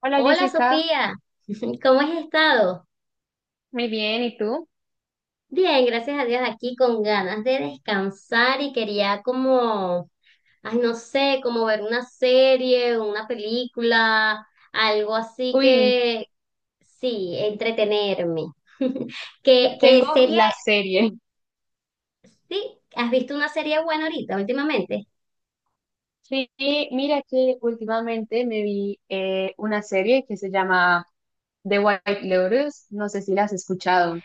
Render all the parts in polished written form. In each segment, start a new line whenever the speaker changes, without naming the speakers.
Hola,
Hola
Jessica,
Sofía, ¿cómo has estado?
muy bien, ¿y tú?
Bien, gracias a Dios aquí con ganas de descansar y quería como, ay no sé, como ver una serie, una película, algo así
Uy,
que sí, entretenerme. ¿Qué,
pues tengo
qué serie?
la serie.
Sí, ¿has visto una serie buena ahorita últimamente?
Sí, mira que últimamente me vi una serie que se llama The White Lotus, no sé si la has escuchado.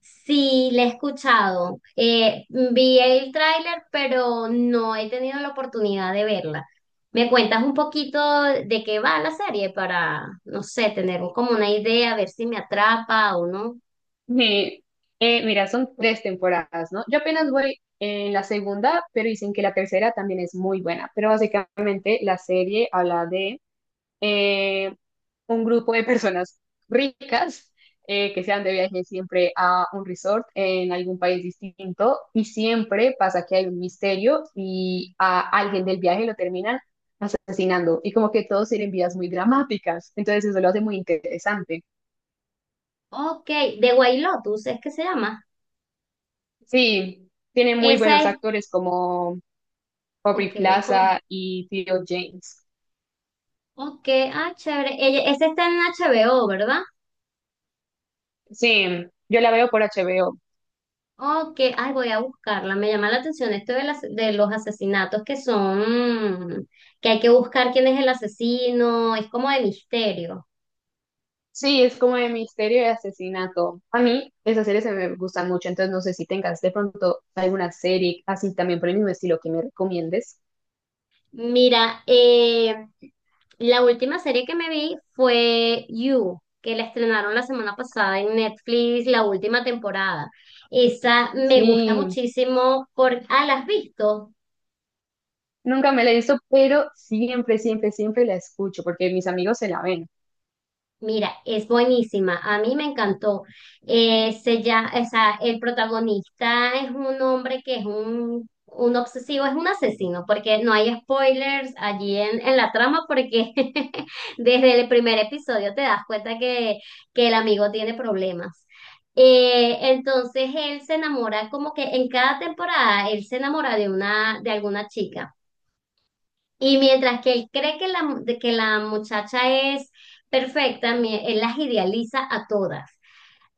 Sí, la he escuchado. Vi el tráiler, pero no he tenido la oportunidad de verla. ¿Me cuentas un poquito de qué va la serie para, no sé, tener como una idea, ver si me atrapa o no?
Me- mira, son tres temporadas, ¿no? Yo apenas voy en la segunda, pero dicen que la tercera también es muy buena, pero básicamente la serie habla de eh, un grupo de personas ricas, que se van de viaje siempre a un resort en algún país distinto y siempre pasa que hay un misterio y a alguien del viaje lo terminan asesinando, y como que todos tienen vidas muy dramáticas, entonces eso lo hace muy interesante.
Ok, The White Lotus, ¿es que se llama?
Sí, tiene muy
Esa
buenos
es,
actores como
ok,
Aubrey
co-
Plaza y Theo James.
ok, ah, chévere. Ella, esa está en HBO, ¿verdad?
Sí, yo la veo por HBO.
Ok, ay, voy a buscarla. Me llama la atención esto de, de los asesinatos que son, que hay que buscar quién es el asesino, es como de misterio.
Sí, es como de misterio y asesinato. A mí esas series se me gustan mucho, entonces no sé si tengas de pronto alguna serie así también por el mismo estilo que me recomiendes.
Mira, la última serie que me vi fue You, que la estrenaron la semana pasada en Netflix, la última temporada. Esa me gusta
Sí,
muchísimo por... Ah, ¿la has visto?
nunca me la he visto, pero siempre, siempre, siempre la escucho porque mis amigos se la ven.
Mira, es buenísima, a mí me encantó. O sea, el protagonista es un hombre que es un obsesivo, es un asesino, porque no hay spoilers allí en la trama, porque desde el primer episodio te das cuenta que el amigo tiene problemas. Entonces él se enamora, como que en cada temporada él se enamora de alguna chica. Y mientras que él cree que la muchacha es perfecta, él las idealiza a todas,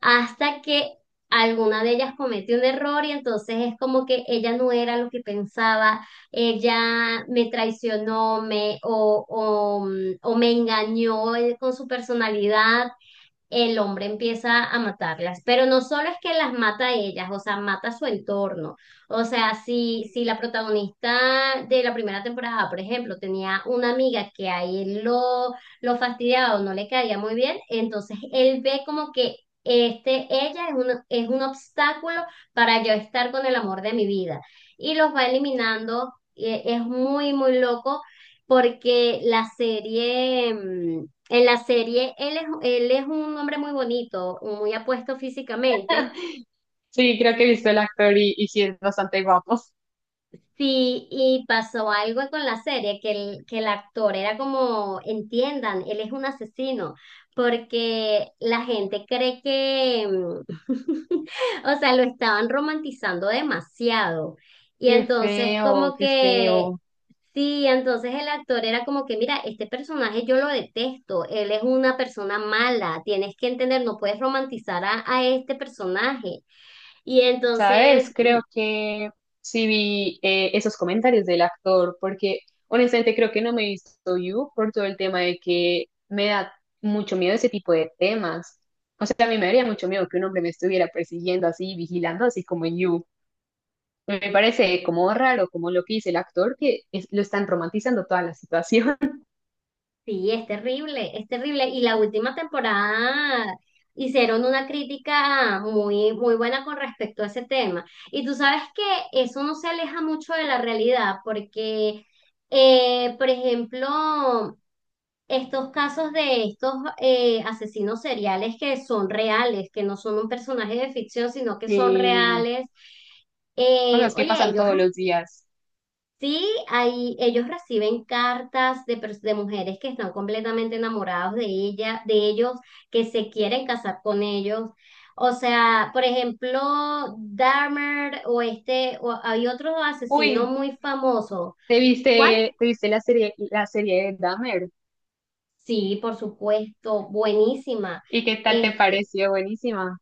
hasta que alguna de ellas comete un error y entonces es como que ella no era lo que pensaba, ella me traicionó, me, o, mm, o me engañó con su personalidad el hombre empieza a matarlas, pero no solo es que las mata a ellas, o sea, mata a su entorno. O sea, si la protagonista de la primera temporada, por ejemplo, tenía una amiga que a él lo fastidiaba o no le caía muy bien, entonces él ve como que este, ella es es un obstáculo para yo estar con el amor de mi vida y los va eliminando. Es muy, muy loco porque la serie... en la serie, él es un hombre muy bonito, muy apuesto físicamente.
Sí, creo que he visto el actor y, sí es bastante guapo.
Sí, y pasó algo con la serie, que el actor era como, entiendan, él es un asesino, porque la gente cree que, o sea, lo estaban romantizando demasiado. Y
Qué
entonces
feo,
como
qué
que,
feo.
sí, entonces el actor era como que, mira, este personaje yo lo detesto, él es una persona mala, tienes que entender, no puedes romantizar a este personaje. Y entonces
¿Sabes? Creo que sí vi esos comentarios del actor, porque honestamente creo que no me he visto You por todo el tema de que me da mucho miedo ese tipo de temas. O sea, a mí me daría mucho miedo que un hombre me estuviera persiguiendo así, vigilando, así como en You. Me parece como raro, como lo que dice el actor, que lo están romantizando toda la situación.
sí, es terrible, es terrible. Y la última temporada hicieron una crítica muy, muy buena con respecto a ese tema. Y tú sabes que eso no se aleja mucho de la realidad, porque, por ejemplo, estos casos de estos asesinos seriales que son reales, que no son un personaje de ficción, sino que son
Eh,
reales.
cosas que
Oye,
pasan
ellos
todos los días.
sí, ahí ellos reciben cartas de, de mujeres que están completamente enamoradas de ellos, que se quieren casar con ellos. O sea, por ejemplo, Dahmer o este, o hay otro asesino
Uy,
muy famoso. ¿Cuál?
¿te viste la serie de Dahmer?
Sí, por supuesto, supuenísima.
¿Y qué tal te pareció? Buenísima.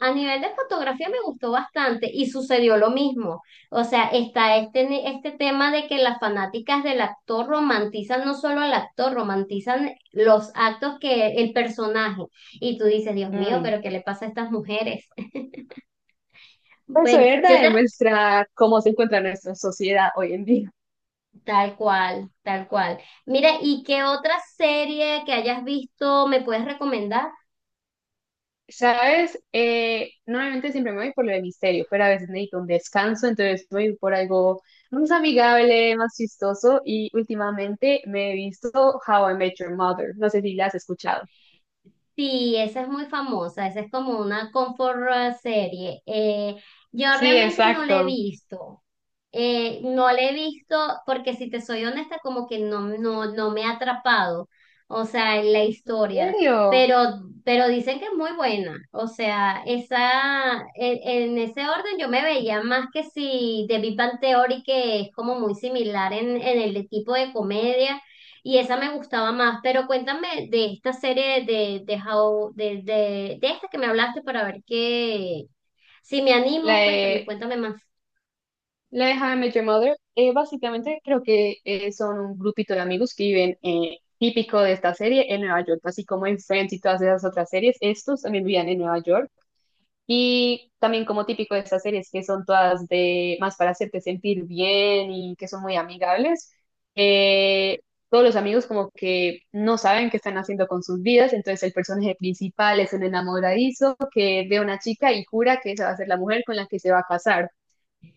A nivel de fotografía me gustó bastante y sucedió lo mismo. O sea, está este, este tema de que las fanáticas del actor romantizan no solo al actor, romantizan los actos que el personaje. Y tú dices, Dios mío, pero
Mm.
¿qué le pasa a estas mujeres?
Eso
Bueno,
es
yo
verdad,
te...
demuestra cómo se encuentra nuestra sociedad hoy en día.
Tal cual, tal cual. Mira, ¿y qué otra serie que hayas visto me puedes recomendar?
¿Sabes? Normalmente siempre me voy por lo de misterio, pero a veces necesito un descanso, entonces voy por algo más amigable, más chistoso, y últimamente me he visto How I Met Your Mother. No sé si la has escuchado.
Sí, esa es muy famosa, esa es como una comfort serie. Yo
Sí,
realmente no la he
exacto.
visto. No la he visto porque si te soy honesta, como que no me ha atrapado, o sea, en la
¿En
historia.
serio?
Pero dicen que es muy buena. O sea, esa, en ese orden yo me veía más que si The Big Bang Theory, que es como muy similar en el tipo de comedia. Y esa me gustaba más, pero cuéntame de esta serie de How, de esta que me hablaste para ver qué, si me
La,
animo, cuéntame, cuéntame más.
La de How I Met Your Mother, básicamente creo que son un grupito de amigos que viven, típico de esta serie, en Nueva York, así como en Friends y todas esas otras series, estos también vivían en Nueva York. Y también como típico de estas series que son todas de más para hacerte sentir bien y que son muy amigables, eh, todos los amigos como que no saben qué están haciendo con sus vidas, entonces el personaje principal es un enamoradizo que ve a una chica y jura que esa va a ser la mujer con la que se va a casar,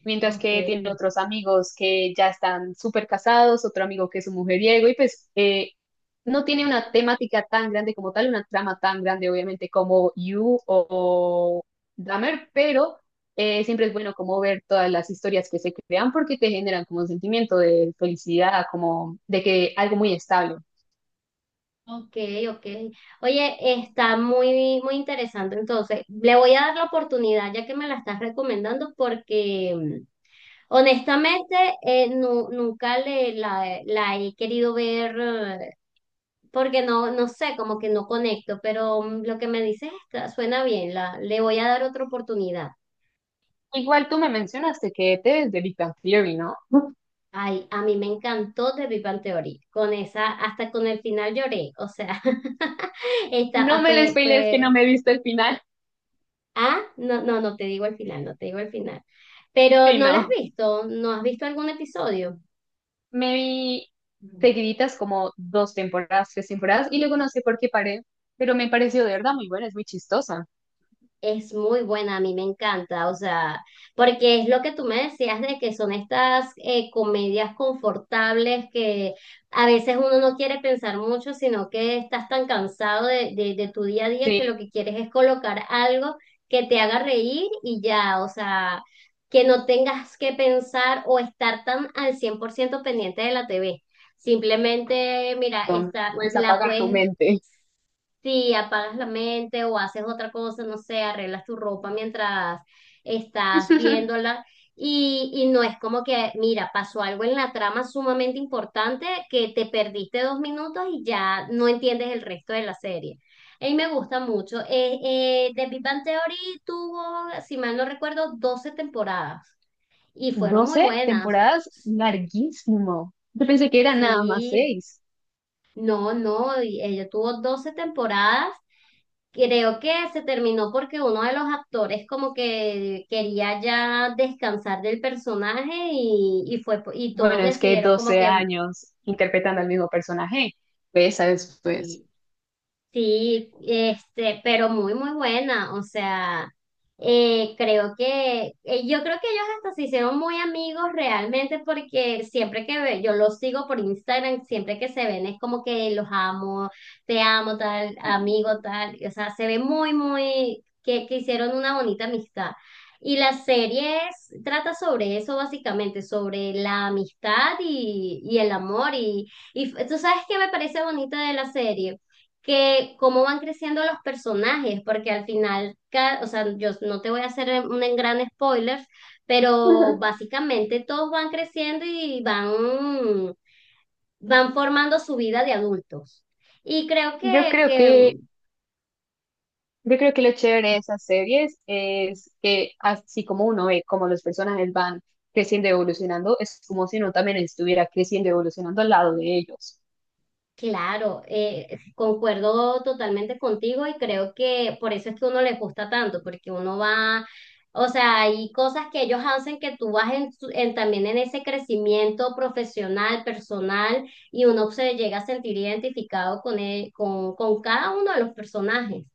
mientras
Ok,
que tiene otros amigos que ya están súper casados, otro amigo que es un mujeriego, y pues no tiene una temática tan grande como tal, una trama tan grande, obviamente, como You o Dahmer, pero siempre es bueno como ver todas las historias que se crean porque te generan como un sentimiento de felicidad, como de que algo muy estable.
ok, ok. Oye, está muy, muy interesante. Entonces, le voy a dar la oportunidad ya que me la estás recomendando porque honestamente nunca la he querido ver porque no, no sé, como que no conecto, pero lo que me dices está, suena bien, le voy a dar otra oportunidad.
Igual tú me mencionaste que te es de Big Bang Theory, ¿no?
Ay, a mí me encantó The Big Bang Theory, con esa, hasta con el final lloré, o sea, esta
No me les spoilees que no
fue,
me he visto el final,
no, no, no te digo el final, no te digo el final, pero
sí,
no la has
no.
visto, no has visto algún episodio.
Me vi seguiditas como dos temporadas, tres temporadas, y luego no sé por qué paré, pero me pareció de verdad muy buena, es muy chistosa.
Es muy buena, a mí me encanta, o sea, porque es lo que tú me decías de que son estas comedias confortables que a veces uno no quiere pensar mucho, sino que estás tan cansado de tu día a día que
Sí,
lo que quieres es colocar algo que te haga reír y ya, o sea, que no tengas que pensar o estar tan al 100% pendiente de la TV. Simplemente, mira, está,
puedes
la
apagar tu
puedes
mente.
sí, apagas la mente o haces otra cosa, no sé, arreglas tu ropa mientras estás viéndola y no es como que, mira, pasó algo en la trama sumamente importante que te perdiste 2 minutos y ya no entiendes el resto de la serie. A mí me gusta mucho. The Big Bang Theory tuvo, si mal no recuerdo, 12 temporadas y fueron muy
12
buenas.
temporadas, larguísimo. Yo pensé que eran nada más
Sí,
seis.
no, no, y ella tuvo 12 temporadas. Creo que se terminó porque uno de los actores como que quería ya descansar del personaje y fue y todos
Bueno, es que
decidieron como
12
que
años interpretando al mismo personaje, pues, ¿sabes? Pues.
sí, sí, este, pero muy, muy buena. O sea, yo creo que ellos hasta se hicieron muy amigos realmente porque siempre que yo los sigo por Instagram, siempre que se ven es como que los amo, te amo, tal, amigo, tal. O sea, se ve que hicieron una bonita amistad. La serie trata sobre eso básicamente, sobre la amistad y el amor. Y tú sabes qué me parece bonita de la serie que cómo van creciendo los personajes, porque al final, o sea, yo no te voy a hacer un en gran spoiler, pero básicamente todos van creciendo y van formando su vida de adultos. Y creo
Yo creo
que
que Yo creo que lo chévere de esas series es que así como uno ve cómo los personajes van creciendo y evolucionando, es como si uno también estuviera creciendo y evolucionando al lado de ellos.
claro, concuerdo totalmente contigo y creo que por eso es que uno les gusta tanto, porque uno va, o sea, hay cosas que ellos hacen que tú vas también en ese crecimiento profesional, personal, y uno se llega a sentir identificado con cada uno de los personajes.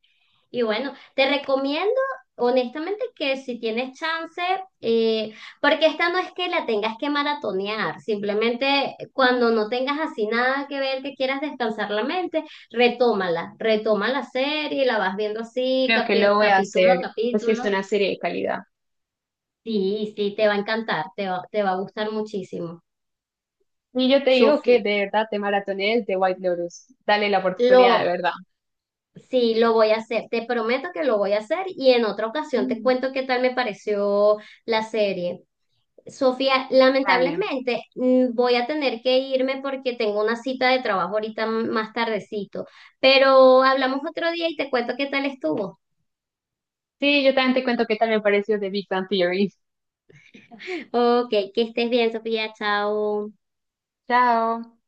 Y bueno, te recomiendo honestamente que si tienes chance, eh, porque esta no es que la tengas que maratonear, simplemente cuando no tengas así nada que ver, que quieras descansar la mente, retómala, retoma la serie, la vas viendo así,
Creo que lo voy a
capítulo a
hacer, pues que es
capítulo.
una serie de calidad.
Sí, sí, te va a encantar, te va a gustar muchísimo.
Y yo te digo que
Sofi,
de verdad te maratones de White Lotus. Dale la oportunidad, de
lo,
verdad.
sí, lo voy a hacer, te prometo que lo voy a hacer y en otra ocasión te
Mm,
cuento qué tal me pareció la serie. Sofía,
vale.
lamentablemente voy a tener que irme porque tengo una cita de trabajo ahorita más tardecito, pero hablamos otro día y te cuento qué tal estuvo.
Sí, yo también te cuento qué tal me pareció de Big Bang Theory.
Ok, que estés bien, Sofía, chao.
Chao.